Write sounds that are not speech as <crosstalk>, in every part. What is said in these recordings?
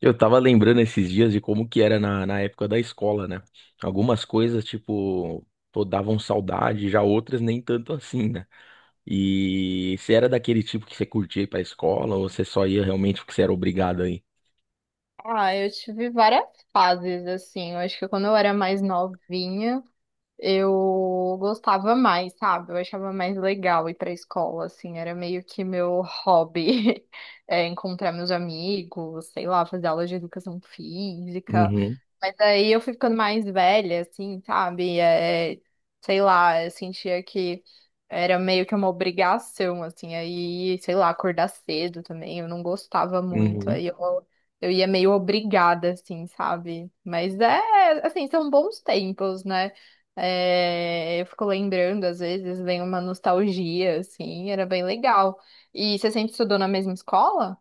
Eu tava lembrando esses dias de como que era na época da escola, né? Algumas coisas, tipo, pô, davam saudade, já outras nem tanto assim, né? E você era daquele tipo que você curtia ir pra escola ou você só ia realmente porque você era obrigado aí? Ah, eu tive várias fases, assim. Eu acho que quando eu era mais novinha, eu gostava mais, sabe? Eu achava mais legal ir pra escola, assim. Era meio que meu hobby, <laughs> é, encontrar meus amigos, sei lá, fazer aula de educação física. Uhum, Mas aí eu fui ficando mais velha, assim, sabe? É, sei lá, eu sentia que era meio que uma obrigação, assim, aí, sei lá, acordar cedo também, eu não gostava muito, uhum. aí eu ia meio obrigada, assim, sabe? Mas é, assim, são bons tempos, né? É, eu fico lembrando, às vezes, vem uma nostalgia, assim, era bem legal. E você sempre estudou na mesma escola?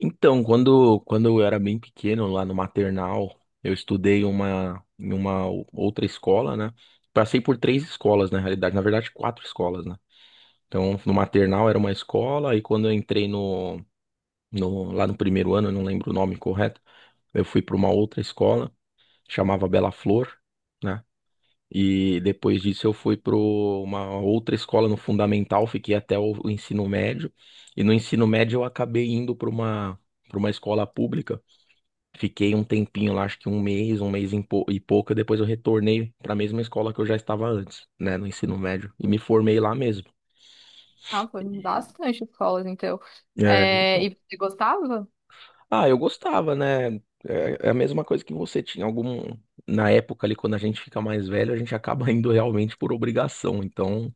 Então, quando eu era bem pequeno, lá no maternal, eu estudei em uma outra escola, né? Passei por três escolas, na realidade, na verdade, quatro escolas, né? Então, no maternal era uma escola, e quando eu entrei lá no primeiro ano, eu não lembro o nome correto. Eu fui para uma outra escola, chamava Bela Flor, né? E depois disso eu fui para uma outra escola no fundamental, fiquei até o ensino médio. E no ensino médio eu acabei indo para uma escola pública. Fiquei um tempinho lá, acho que um mês e pouco, depois eu retornei para a mesma escola que eu já estava antes, né, no ensino médio, e me formei lá mesmo. Ah, foi E- bastante escolas, então. É, É, então. e você gostava? Ah, eu gostava, né? É a mesma coisa que você tinha algum na época ali quando a gente fica mais velho, a gente acaba <laughs> indo realmente por obrigação. Então,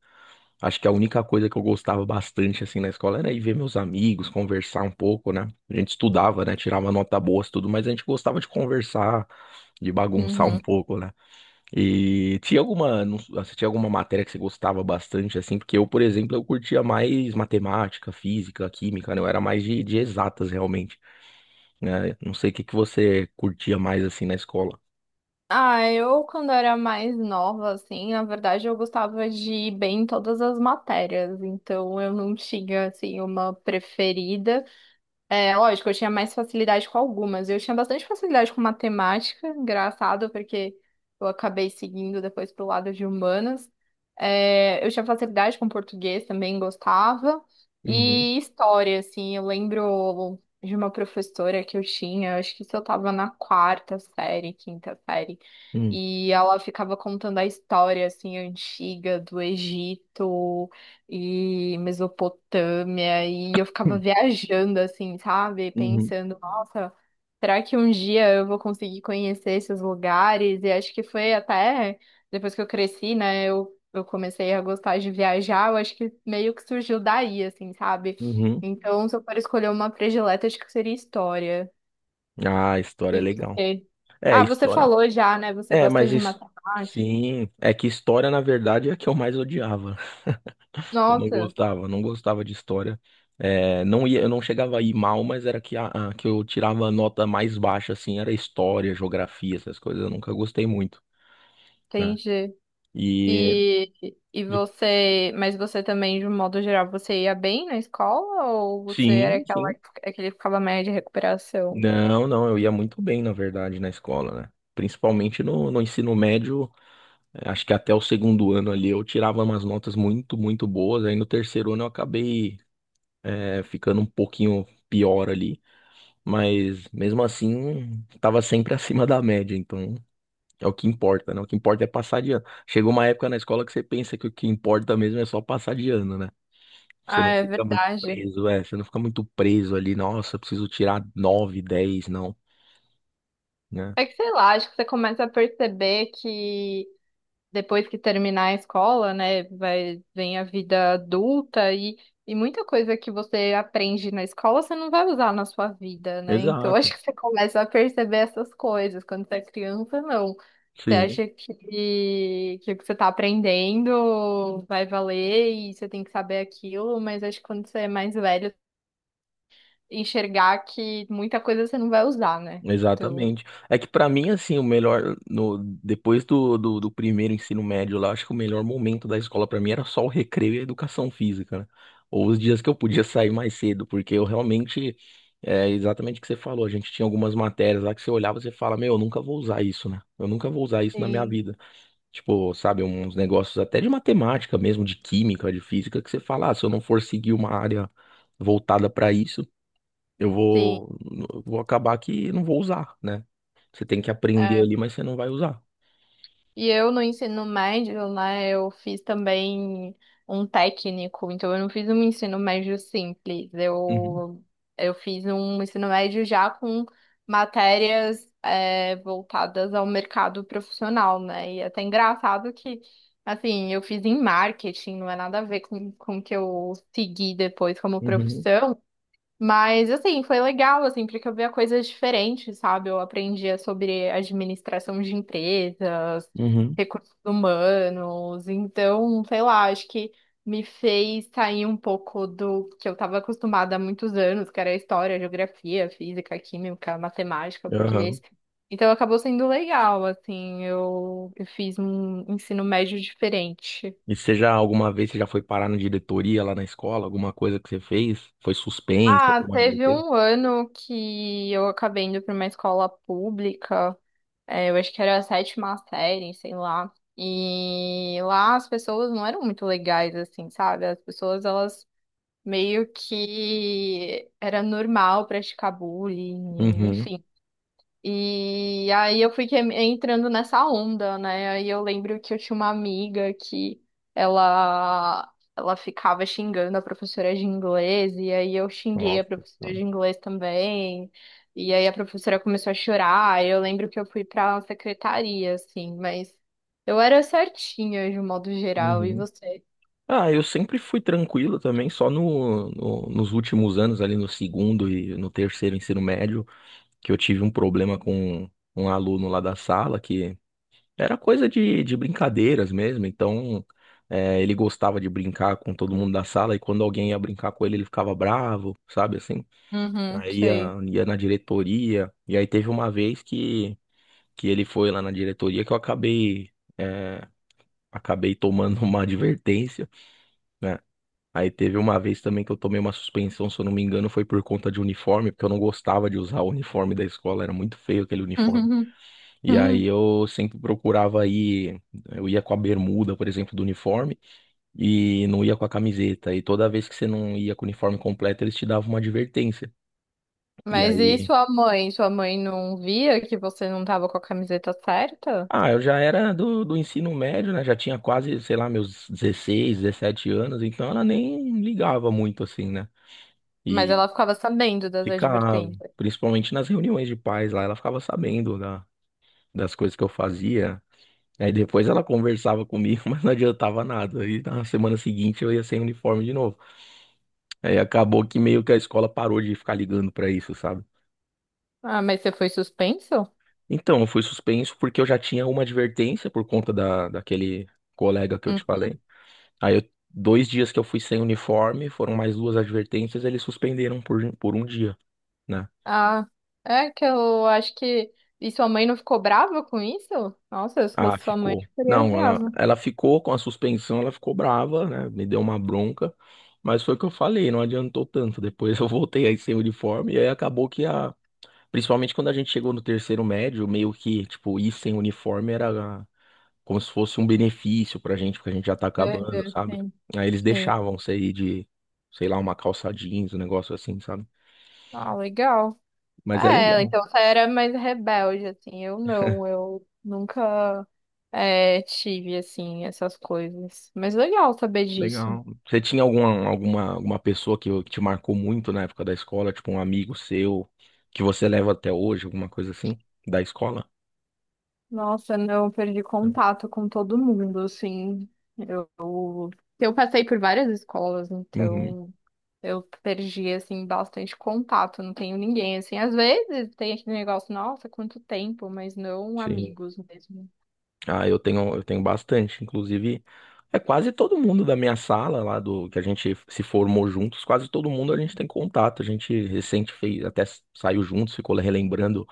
acho que a única coisa que eu gostava bastante assim na escola era ir ver meus amigos, conversar um pouco, né? A gente estudava, né? Tirava nota boa, tudo, mas a gente gostava de conversar, de bagunçar um Uhum. pouco, né? E tinha alguma, não- s- ah, você tinha alguma matéria que você gostava bastante assim? Porque eu, por exemplo, eu curtia mais matemática, física, química, né? Eu era mais de exatas realmente, né? Não sei o que que você curtia mais assim na escola. Ah, eu quando era mais nova, assim, na verdade eu gostava de ir bem em todas as matérias, então eu não tinha, assim, uma preferida. É, lógico, eu tinha mais facilidade com algumas. Eu tinha bastante facilidade com matemática, engraçado, porque eu acabei seguindo depois pro lado de humanas. É, eu tinha facilidade com português também, gostava. Uhum, E história, assim, eu lembro de uma professora que eu tinha, acho que isso eu tava na quarta série, quinta série, uhum, e ela ficava contando a história, assim, antiga do Egito e Mesopotâmia, e eu ficava viajando assim, sabe? uhum, Pensando, nossa, será que um dia eu vou conseguir conhecer esses lugares? E acho que foi até depois que eu cresci, né? Eu comecei a gostar de viajar, eu acho que meio que surgiu daí, assim, sabe? uhum. Então, se eu for escolher uma predileta, acho que seria história. Ah, história é E legal. você? É, Ah, você história. falou já, né? Você É, gosta mas de isso. matemática. Sim, é que história, na verdade, é a que eu mais odiava. <laughs> Eu não Nossa, gostava, não gostava de história. É, não ia, eu não chegava a ir mal, mas era que, que eu tirava a nota mais baixa, assim, era história, geografia, essas coisas, eu nunca gostei muito, né? entendi. E E, e de- você, mas você também, de um modo geral, você ia bem na escola ou você era sim, aquela, sim. aquele que ficava média de recuperação? Não, não, eu ia muito bem, na verdade, na escola, né? Principalmente no ensino médio, acho que até o segundo ano ali eu tirava umas notas muito, muito boas. Aí no terceiro ano eu acabei, ficando um pouquinho pior ali, mas mesmo assim, tava sempre <laughs> acima da média, então é o que importa, né? O que importa é passar de ano. Chegou uma época na escola que você pensa que o que importa mesmo é só passar de ano, né? Você Ah, não é fica muito verdade. preso, você não fica muito preso ali, nossa, eu preciso tirar nove, 10, não, né? É que sei lá, acho que você começa a perceber que depois que terminar a escola, né, vai, vem a vida adulta e muita coisa que você aprende na escola você não vai usar na sua vida, né? Então <laughs> Exato. acho que você começa a perceber essas coisas quando você é criança, não. Você Sim, acha que o que você está aprendendo vai valer e você tem que saber aquilo, mas acho que quando você é mais velho, enxergar que muita coisa você não vai usar, né? Então, exatamente. É que pra mim, assim, o melhor, no, depois do primeiro ensino médio lá, acho que o melhor momento da escola pra mim era só o recreio e a educação física, né? Ou os dias que eu podia sair mais cedo, porque eu realmente, é exatamente o que você falou, a gente tinha algumas matérias lá que você olhava e você fala, meu, eu nunca vou usar isso, né? Eu nunca vou usar isso na minha sim, vida. Tipo, sabe, uns negócios até de matemática mesmo, de química, de física, que você fala, ah, se eu não for seguir uma área voltada pra isso, Eu sim. vou, eu vou acabar que não vou usar, né? Você tem que aprender ali, mas você não vai usar. E eu no ensino médio, né, eu fiz também um técnico, então eu não fiz um ensino médio simples, Uhum, eu fiz um ensino médio já com matérias é, voltadas ao mercado profissional, né? E é até engraçado que, assim, eu fiz em marketing, não é nada a ver com o que eu segui depois como uhum, profissão, mas, assim, foi legal, assim, porque eu via coisas diferentes, sabe? Eu aprendia sobre administração de empresas, uhum, recursos humanos. Então, sei lá, acho que me fez sair um pouco do que eu estava acostumada há muitos anos, que era história, geografia, física, química, matemática, aham. português. Então, acabou sendo legal, assim, eu fiz um ensino médio diferente. E você já, alguma vez, você já foi parar na diretoria lá na escola? Alguma coisa que você fez? Foi suspensa, Ah, como é que vai teve ter? um ano que eu acabei indo para uma escola pública. É, eu acho que era a sétima série, sei lá. E lá as pessoas não eram muito legais, assim, sabe? As pessoas, elas meio que era normal praticar bullying, Uhum. enfim. E aí eu fui entrando nessa onda, né? Aí eu lembro que eu tinha uma amiga que ela ficava xingando a professora de inglês, e aí eu xinguei a Nossa. professora Tá. de inglês também. E aí a professora começou a chorar. Eu lembro que eu fui pra secretaria, assim, mas eu era certinha de um modo geral. E Uhum. você? Ah, eu sempre fui tranquilo também, só nos últimos anos, ali no segundo e no terceiro ensino médio, que eu tive um problema com um aluno lá da sala, que era coisa de brincadeiras mesmo, então, ele gostava de brincar com todo mundo da sala e quando alguém ia brincar com ele, ele ficava bravo, sabe assim? Uhum, Aí sei. ia, <laughs> ia na diretoria, e aí teve uma vez que ele foi lá na diretoria que eu acabei, é, acabei tomando <laughs> uma advertência, né? Aí teve uma vez também que eu tomei uma suspensão, se eu não me engano, foi por conta de uniforme, porque eu não gostava de usar o uniforme da escola, era muito feio aquele uniforme. Uhum, E aí uhum. eu sempre procurava ir, eu ia com a bermuda, por exemplo, do uniforme e não ia com a camiseta. E toda vez que você não ia com o uniforme completo, eles te davam uma advertência. E Mas e aí, sua mãe? Sua mãe não via que você não tava com a camiseta certa? ah, eu já era do ensino médio, né? Já tinha quase, sei lá, meus 16 17 anos, então ela nem ligava muito assim, né? Mas E ela ficava sabendo das ficava, advertências. principalmente nas reuniões de pais lá, ela ficava sabendo das coisas que eu fazia. Aí depois ela conversava comigo, <laughs> mas não adiantava nada. Aí na semana seguinte eu ia sem uniforme de novo. Aí acabou que meio que a escola parou de ficar ligando pra isso, sabe? Ah, mas você foi suspenso? Então, eu fui suspenso porque eu já tinha uma advertência por conta daquele colega que eu te Hum. falei. Dois dias que eu fui sem uniforme, foram mais duas advertências, eles suspenderam por um dia, né? Ah, é que eu acho que. E sua mãe não ficou brava com isso? Nossa, se Ah, fosse sua mãe, eu ficou. ficaria Não, ela, brava. ela ficou com a suspensão, ela ficou brava, né? Me deu uma bronca, mas foi o que eu falei, não adiantou tanto. Depois <laughs> eu voltei aí sem uniforme, e aí acabou que a. Principalmente quando a gente chegou no terceiro médio, meio que, tipo, ir sem uniforme era como se fosse um benefício pra gente, porque a gente já tá É, acabando, é, sabe? sim, Aí eles sim. deixavam você ir de, sei lá, uma calça jeans, um negócio assim, sabe? Ah, legal. Mas é É, legal. então você era mais rebelde, assim. Eu não, eu nunca é, tive, assim, essas coisas. Mas legal saber disso. Legal. Você tinha alguma pessoa que te marcou muito na época da escola, tipo um amigo seu, que você leva até hoje, alguma coisa assim, da escola? Nossa, não, eu perdi Não. contato com todo mundo, assim. Eu, eu passei por várias escolas, Uhum, então eu perdi, assim, bastante contato. Não tenho ninguém, assim. Às vezes tem aquele negócio, nossa, quanto tempo, mas não sim. amigos mesmo. Ah, eu tenho bastante. Inclusive, é quase todo mundo da minha sala lá do que a gente se formou juntos, quase todo mundo a gente tem contato. A gente recente fez, até saiu juntos, ficou relembrando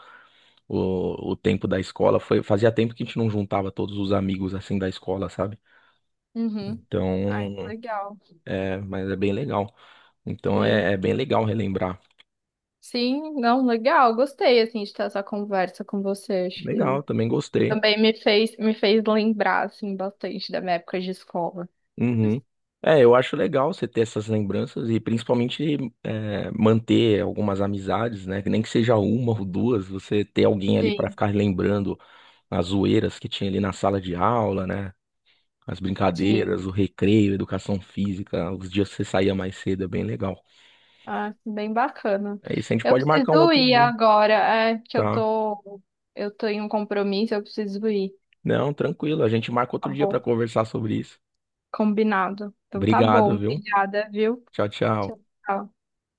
o tempo da escola. Foi, fazia tempo que a gente não juntava todos os amigos assim da escola, sabe? Uhum. Ai, que Então, legal. Mas é bem legal. Então Sim. é bem legal relembrar. Sim, não, legal. Gostei, assim, de ter essa conversa com você. Acho que Legal, também gostei. também me fez lembrar, assim, bastante da minha época de escola. Uhum. É, eu acho legal você ter essas lembranças e principalmente manter algumas amizades, né? Que nem que seja uma ou duas, você ter alguém ali para Sim, ficar lembrando as zoeiras que tinha ali na sala de aula, né? As sim. brincadeiras, o recreio, educação física, os dias que você saía mais cedo, é bem legal. Ah, bem bacana. É isso, a gente Eu pode marcar um preciso outro ir dia, agora, é que tá? Eu tô em um compromisso, eu preciso ir. Não, tranquilo, a gente marca Tá outro dia para bom. conversar sobre isso. Combinado. Então tá bom, Obrigado, viu? obrigada, viu? Tchau, Tchau. tchau.